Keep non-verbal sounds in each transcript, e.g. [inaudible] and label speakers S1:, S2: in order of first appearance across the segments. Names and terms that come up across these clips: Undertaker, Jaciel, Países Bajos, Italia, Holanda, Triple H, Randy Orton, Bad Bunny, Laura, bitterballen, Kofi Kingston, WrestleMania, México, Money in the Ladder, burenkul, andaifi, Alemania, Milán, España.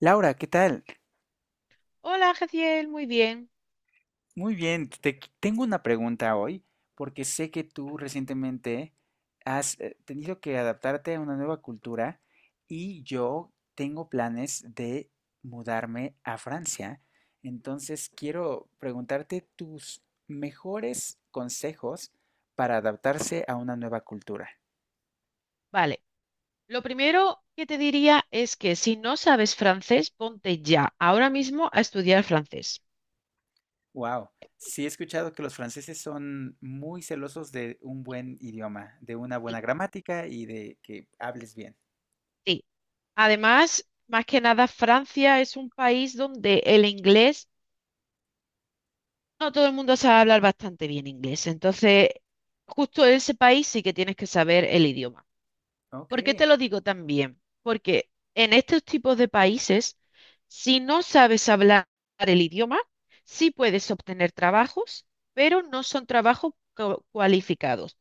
S1: Laura, ¿qué tal?
S2: Hola, Jaciel, muy bien.
S1: Muy bien, tengo una pregunta hoy porque sé que tú recientemente has tenido que adaptarte a una nueva cultura y yo tengo planes de mudarme a Francia. Entonces quiero preguntarte tus mejores consejos para adaptarse a una nueva cultura.
S2: Vale, lo primero que te diría es que si no sabes francés, ponte ya, ahora mismo, a estudiar francés.
S1: Wow, sí he escuchado que los franceses son muy celosos de un buen idioma, de una
S2: Sí,
S1: buena gramática y de que hables bien.
S2: sí. Además, más que nada, Francia es un país donde el inglés, no todo el mundo sabe hablar bastante bien inglés. Entonces, justo en ese país sí que tienes que saber el idioma. ¿Por qué te
S1: Okay.
S2: lo digo también? Porque en estos tipos de países, si no sabes hablar el idioma, sí puedes obtener trabajos, pero no son trabajos cualificados.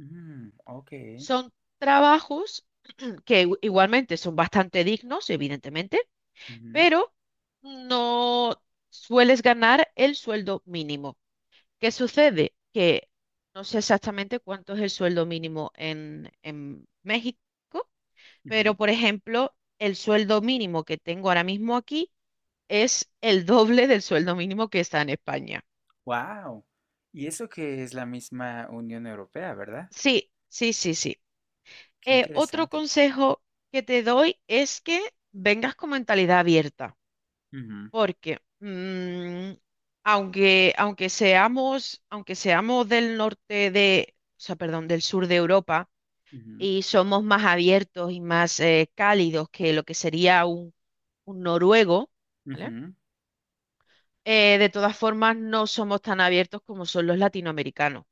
S1: Mm, okey.
S2: Son trabajos [clears throat] que igualmente son bastante dignos, evidentemente,
S1: Ujú.
S2: pero no sueles ganar el sueldo mínimo. ¿Qué sucede? Que no sé exactamente cuánto es el sueldo mínimo en México. Pero, por ejemplo, el sueldo mínimo que tengo ahora mismo aquí es el doble del sueldo mínimo que está en España.
S1: Y eso que es la misma Unión Europea, ¿verdad?
S2: Sí, sí, sí, sí.
S1: Qué
S2: Otro
S1: interesante.
S2: consejo que te doy es que vengas con mentalidad abierta,
S1: Ujú,
S2: porque aunque seamos del norte de, o sea, perdón, del sur de Europa
S1: ujú,
S2: y somos más abiertos y más cálidos que lo que sería un noruego, ¿vale?
S1: ujú.
S2: De todas formas, no somos tan abiertos como son los latinoamericanos.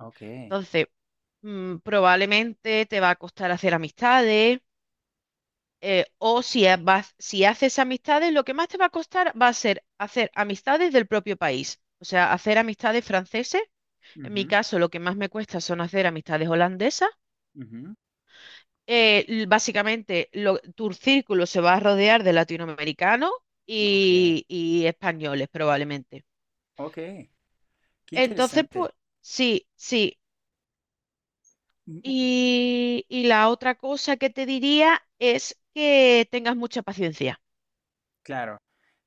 S1: Okey.
S2: Entonces, probablemente te va a costar hacer amistades, o si, ha- vas- si haces amistades, lo que más te va a costar va a ser hacer amistades del propio país. O sea, hacer amistades franceses. En mi
S1: Ujú,
S2: caso, lo que más me cuesta son hacer amistades holandesas.
S1: ujú.
S2: Básicamente, tu círculo se va a rodear de latinoamericanos
S1: Okey,
S2: y españoles, probablemente.
S1: okey. Qué
S2: Entonces, pues...
S1: interesante.
S2: Sí, sí.
S1: Mm, mm,
S2: Y la otra cosa que te diría es que tengas mucha paciencia.
S1: claro.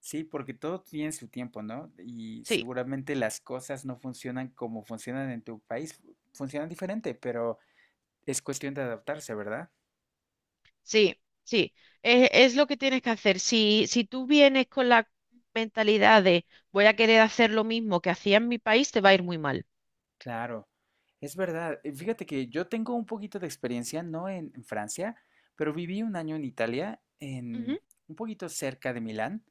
S1: Sí, porque todo tiene su tiempo, ¿no? Y
S2: Sí,
S1: seguramente las cosas no funcionan como funcionan en tu país, funcionan diferente, pero es cuestión de adaptarse, ¿verdad?
S2: sí, sí. Es lo que tienes que hacer. Si tú vienes con la mentalidad de voy a querer hacer lo mismo que hacía en mi país, te va a ir muy mal.
S1: Claro, es verdad. Fíjate que yo tengo un poquito de experiencia, no en Francia, pero viví un año en Italia,
S2: Ujú.
S1: en un poquito cerca de Milán,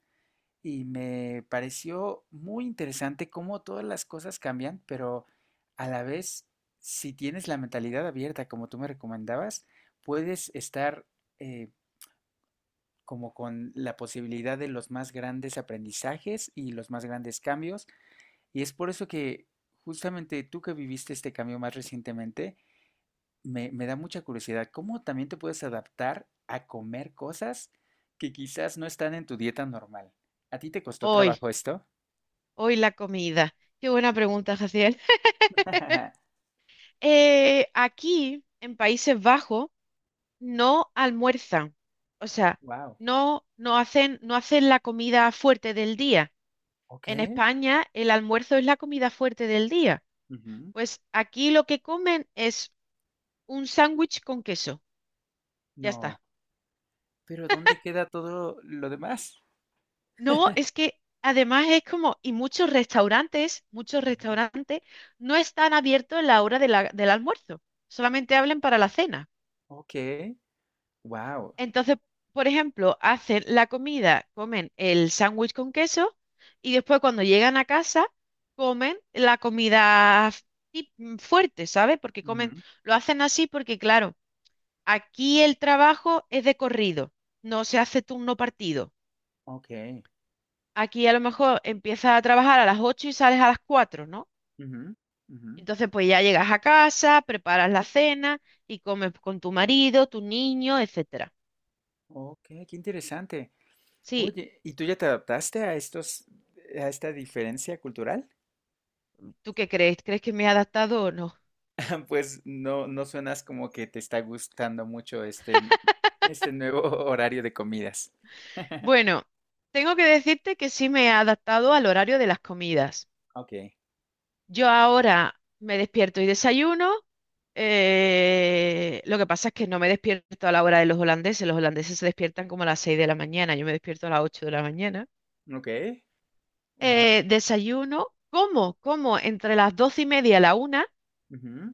S1: y me pareció muy interesante cómo todas las cosas cambian, pero a la vez, si tienes la mentalidad abierta, como tú me recomendabas, puedes estar eh, como con la posibilidad de los más grandes aprendizajes y los más grandes cambios. Y es por eso que justamente tú que viviste este cambio más recientemente, me da mucha curiosidad, ¿cómo también te puedes adaptar a comer cosas que quizás no están en tu dieta normal? ¿A ti te costó
S2: Hoy,
S1: trabajo esto?
S2: hoy la comida. Qué buena pregunta, Jaciel.
S1: [laughs]
S2: Aquí, en Países Bajos, no almuerzan. O sea,
S1: Wow.
S2: no hacen la comida fuerte del día.
S1: ¿Ok?
S2: En España, el almuerzo es la comida fuerte del día.
S1: Ujú.
S2: Pues aquí lo que comen es un sándwich con queso. Ya
S1: No.
S2: está.
S1: Pero ¿dónde queda todo lo demás?
S2: No, es que además es como, y muchos
S1: Ujú.
S2: restaurantes no están abiertos en la hora del almuerzo. Solamente hablan para la cena.
S1: Ok. Wow.
S2: Entonces, por ejemplo, hacen la comida, comen el sándwich con queso y después cuando llegan a casa, comen la comida fuerte, ¿sabes? Porque comen...
S1: Ujú.
S2: Lo hacen así porque, claro, aquí el trabajo es de corrido, no se hace turno partido.
S1: Ok.
S2: Aquí a lo mejor empiezas a trabajar a las 8 y sales a las 4, ¿no?
S1: Ujú, ujú.
S2: Entonces pues ya llegas a casa, preparas la cena y comes con tu marido, tu niño, etcétera.
S1: Ok, qué interesante.
S2: Sí,
S1: Oye, ¿tú ya te adaptaste a estos, a esta diferencia cultural?
S2: ¿tú qué crees? ¿Crees que me he adaptado o no?
S1: [laughs] Pues no, no suenas como que te está gustando mucho este, este nuevo [laughs] horario de comidas. [laughs]
S2: Bueno, tengo que decirte que sí me he adaptado al horario de las comidas.
S1: Ok,
S2: Yo ahora me despierto y desayuno. Lo que pasa es que no me despierto a la hora de los holandeses. Los holandeses se despiertan como a las 6 de la mañana. Yo me despierto a las 8 de la mañana.
S1: ok, wow,
S2: Desayuno, como, como entre las 12:30 a la 1
S1: ujú,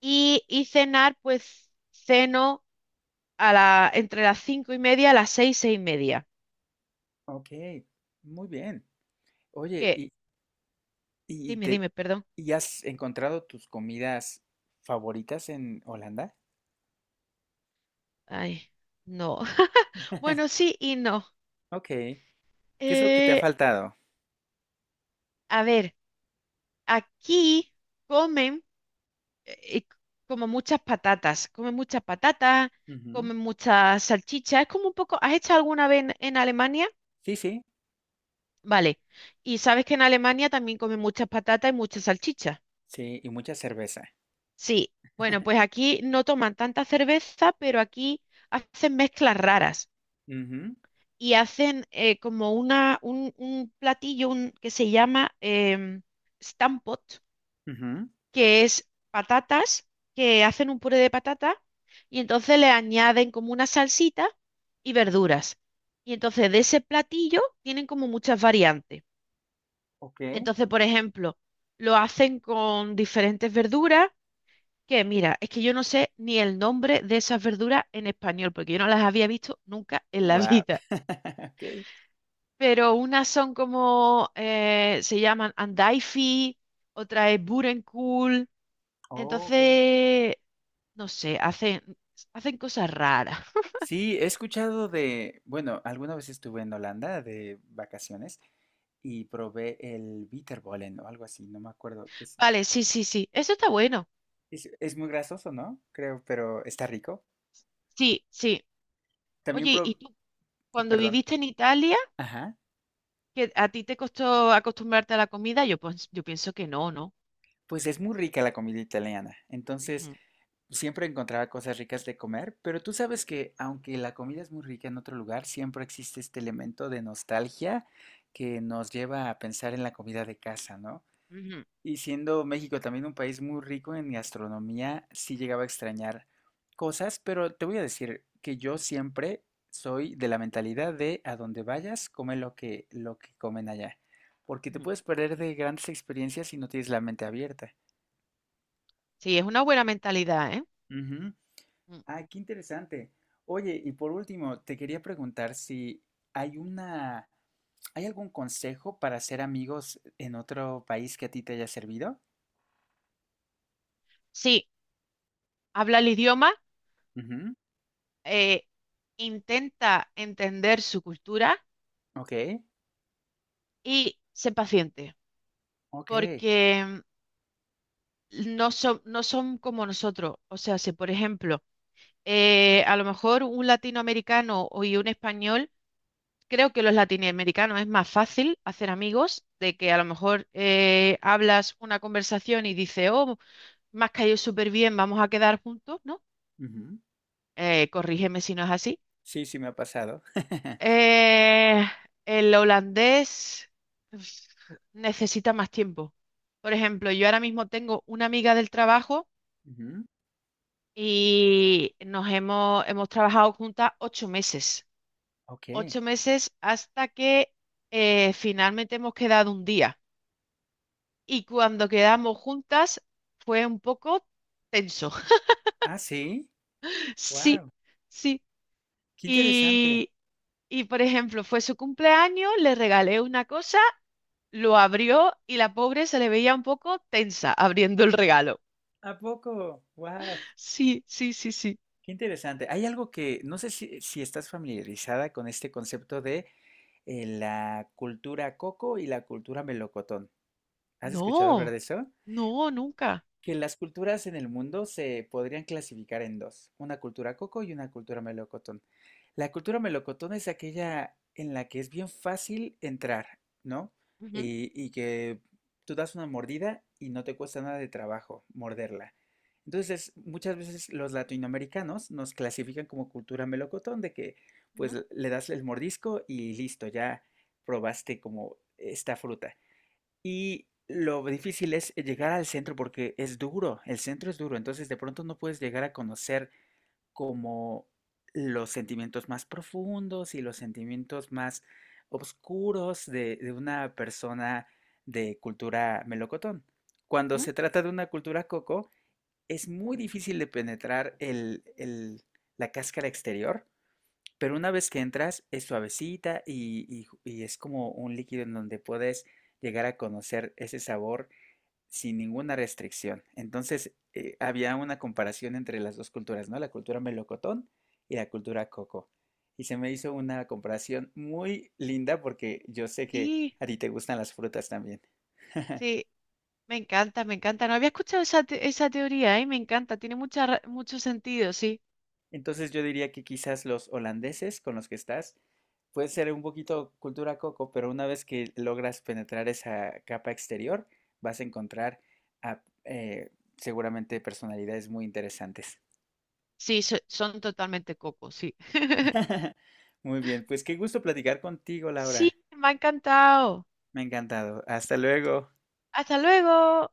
S2: y cenar, pues ceno entre las 5:30 a las seis y media.
S1: ok, muy bien. Oye,
S2: Qué
S1: y
S2: dime,
S1: te,
S2: dime, perdón.
S1: y has encontrado tus comidas favoritas en Holanda?
S2: Ay, no. [laughs] Bueno, sí y no.
S1: Ok, ¿qué es lo que te ha
S2: Eh,
S1: faltado?
S2: a ver, aquí comen. eh, Como muchas patatas, come muchas patatas,
S1: Ujú.
S2: come muchas salchichas. Es como un poco, ¿has hecho alguna vez en Alemania?
S1: Sí, sí,
S2: Vale. Y sabes que en Alemania también comen muchas patatas y muchas salchichas.
S1: sí, y mucha cerveza.
S2: Sí. Bueno, pues aquí no toman tanta cerveza, pero aquí hacen mezclas raras
S1: Ujú,
S2: y hacen como un platillo que se llama
S1: ujú.
S2: que es patatas, que hacen un puré de patata y entonces le añaden como una salsita y
S1: Ok,
S2: verduras. Y entonces de ese platillo tienen como muchas variantes.
S1: ok.
S2: Entonces, por ejemplo, lo hacen con diferentes verduras, que mira, es que yo no sé ni el nombre de esas verduras en español, porque yo no las había visto nunca en la [laughs]
S1: Wow.
S2: vida.
S1: [laughs] Okay.
S2: Pero unas son como, se llaman andaifi, otra es burenkul.
S1: Oh, ok.
S2: Entonces, no sé, hacen, hacen cosas raras. [laughs]
S1: Sí, he escuchado de, bueno, alguna vez estuve en Holanda de vacaciones y probé el bitterballen o algo así, no me acuerdo,
S2: Vale, sí, sí, sí. Eso está bueno.
S1: es muy grasoso, ¿no? Creo, pero está rico.
S2: Sí, sí.
S1: También
S2: Oye, ¿y tú cuando
S1: perdón,
S2: viviste en Italia,
S1: ajá,
S2: que a ti te costó acostumbrarte a la comida? Yo, pues, yo pienso que no, ¿no?
S1: pues es muy rica la comida italiana. Entonces,
S2: Ujú,
S1: siempre encontraba cosas ricas de comer, pero tú sabes que aunque la comida es muy rica en otro lugar, siempre existe este elemento de nostalgia que nos lleva a pensar en la comida de casa, ¿no?
S2: ujú,
S1: Y siendo México también un país muy rico en gastronomía, sí llegaba a extrañar cosas, pero te voy a decir que yo siempre soy de la mentalidad de a donde vayas, come lo que comen allá, porque te
S2: ujú.
S1: puedes perder de grandes experiencias si no tienes la mente abierta.
S2: Sí, es una buena mentalidad, ¿eh?
S1: Ujú.
S2: Mm.
S1: Ah, qué interesante. Oye, y por último, te quería preguntar si hay una, ¿hay algún consejo para hacer amigos en otro país que a ti te haya servido?
S2: Sí, habla el idioma,
S1: Ujú.
S2: eh, intenta entender su cultura
S1: Ok,
S2: y sé paciente,
S1: ok.
S2: porque no son, no son como nosotros. O sea, si por ejemplo, a lo mejor un latinoamericano y un español, creo que los latinoamericanos es más fácil hacer amigos, de que a lo mejor hablas una conversación y dices, oh, me has caído súper bien, vamos a quedar juntos, ¿no?
S1: Ujú.
S2: Corrígeme si no es así.
S1: Sí, sí me ha pasado. [laughs]
S2: Eh, el holandés uf, necesita más tiempo. Por ejemplo, yo ahora mismo tengo una amiga del trabajo
S1: Ujú.
S2: y hemos trabajado juntas 8 meses,
S1: Ok.
S2: 8 meses hasta que finalmente hemos quedado un día. Y cuando quedamos juntas fue un poco tenso. [laughs]
S1: Ah, sí.
S2: Sí,
S1: Wow.
S2: sí.
S1: Qué interesante.
S2: Y, y por ejemplo, fue su cumpleaños, le regalé una cosa, lo abrió y la pobre se le veía un poco tensa abriendo el regalo.
S1: ¿A poco? Wow.
S2: Sí, sí, sí, sí.
S1: Qué interesante. Hay algo que, no sé si estás familiarizada con este concepto de la cultura coco y la cultura melocotón. ¿Has escuchado hablar
S2: No,
S1: de eso?
S2: no, nunca.
S1: Que las culturas en el mundo se podrían clasificar en dos, una cultura coco y una cultura melocotón. La cultura melocotón es aquella en la que es bien fácil entrar, ¿no?
S2: Ujú,
S1: Y que tú das una mordida y no te cuesta nada de trabajo morderla. Entonces, muchas veces los latinoamericanos nos clasifican como cultura melocotón, de que
S2: ujú,
S1: pues le das el mordisco y listo, ya probaste como esta fruta. Y lo difícil es llegar al centro porque es duro, el centro es duro, entonces de pronto no puedes llegar a conocer como los sentimientos más profundos y los sentimientos más oscuros de una persona de cultura melocotón. Cuando
S2: ujú.
S1: se trata de una cultura coco, es muy difícil de penetrar la cáscara exterior, pero una vez que entras, es suavecita y es como un líquido en donde puedes llegar a conocer ese sabor sin ninguna restricción. Entonces, había una comparación entre las dos culturas, ¿no? La cultura melocotón y la cultura coco. Y se me hizo una comparación muy linda porque yo sé que
S2: Sí,
S1: a ti te gustan las frutas también. [laughs]
S2: sí. Me encanta, me encanta. No había escuchado esa, esa teoría, ¿eh? Me encanta, tiene mucha, mucho sentido, sí.
S1: Entonces yo diría que quizás los holandeses con los que estás puede ser un poquito cultura coco, pero una vez que logras penetrar esa capa exterior, vas a encontrar a, eh, seguramente personalidades muy interesantes.
S2: Sí, son totalmente cocos, sí. [laughs]
S1: [laughs] Muy bien, pues qué gusto platicar contigo,
S2: Sí,
S1: Laura.
S2: me ha encantado.
S1: Me ha encantado. Hasta luego.
S2: Hasta luego.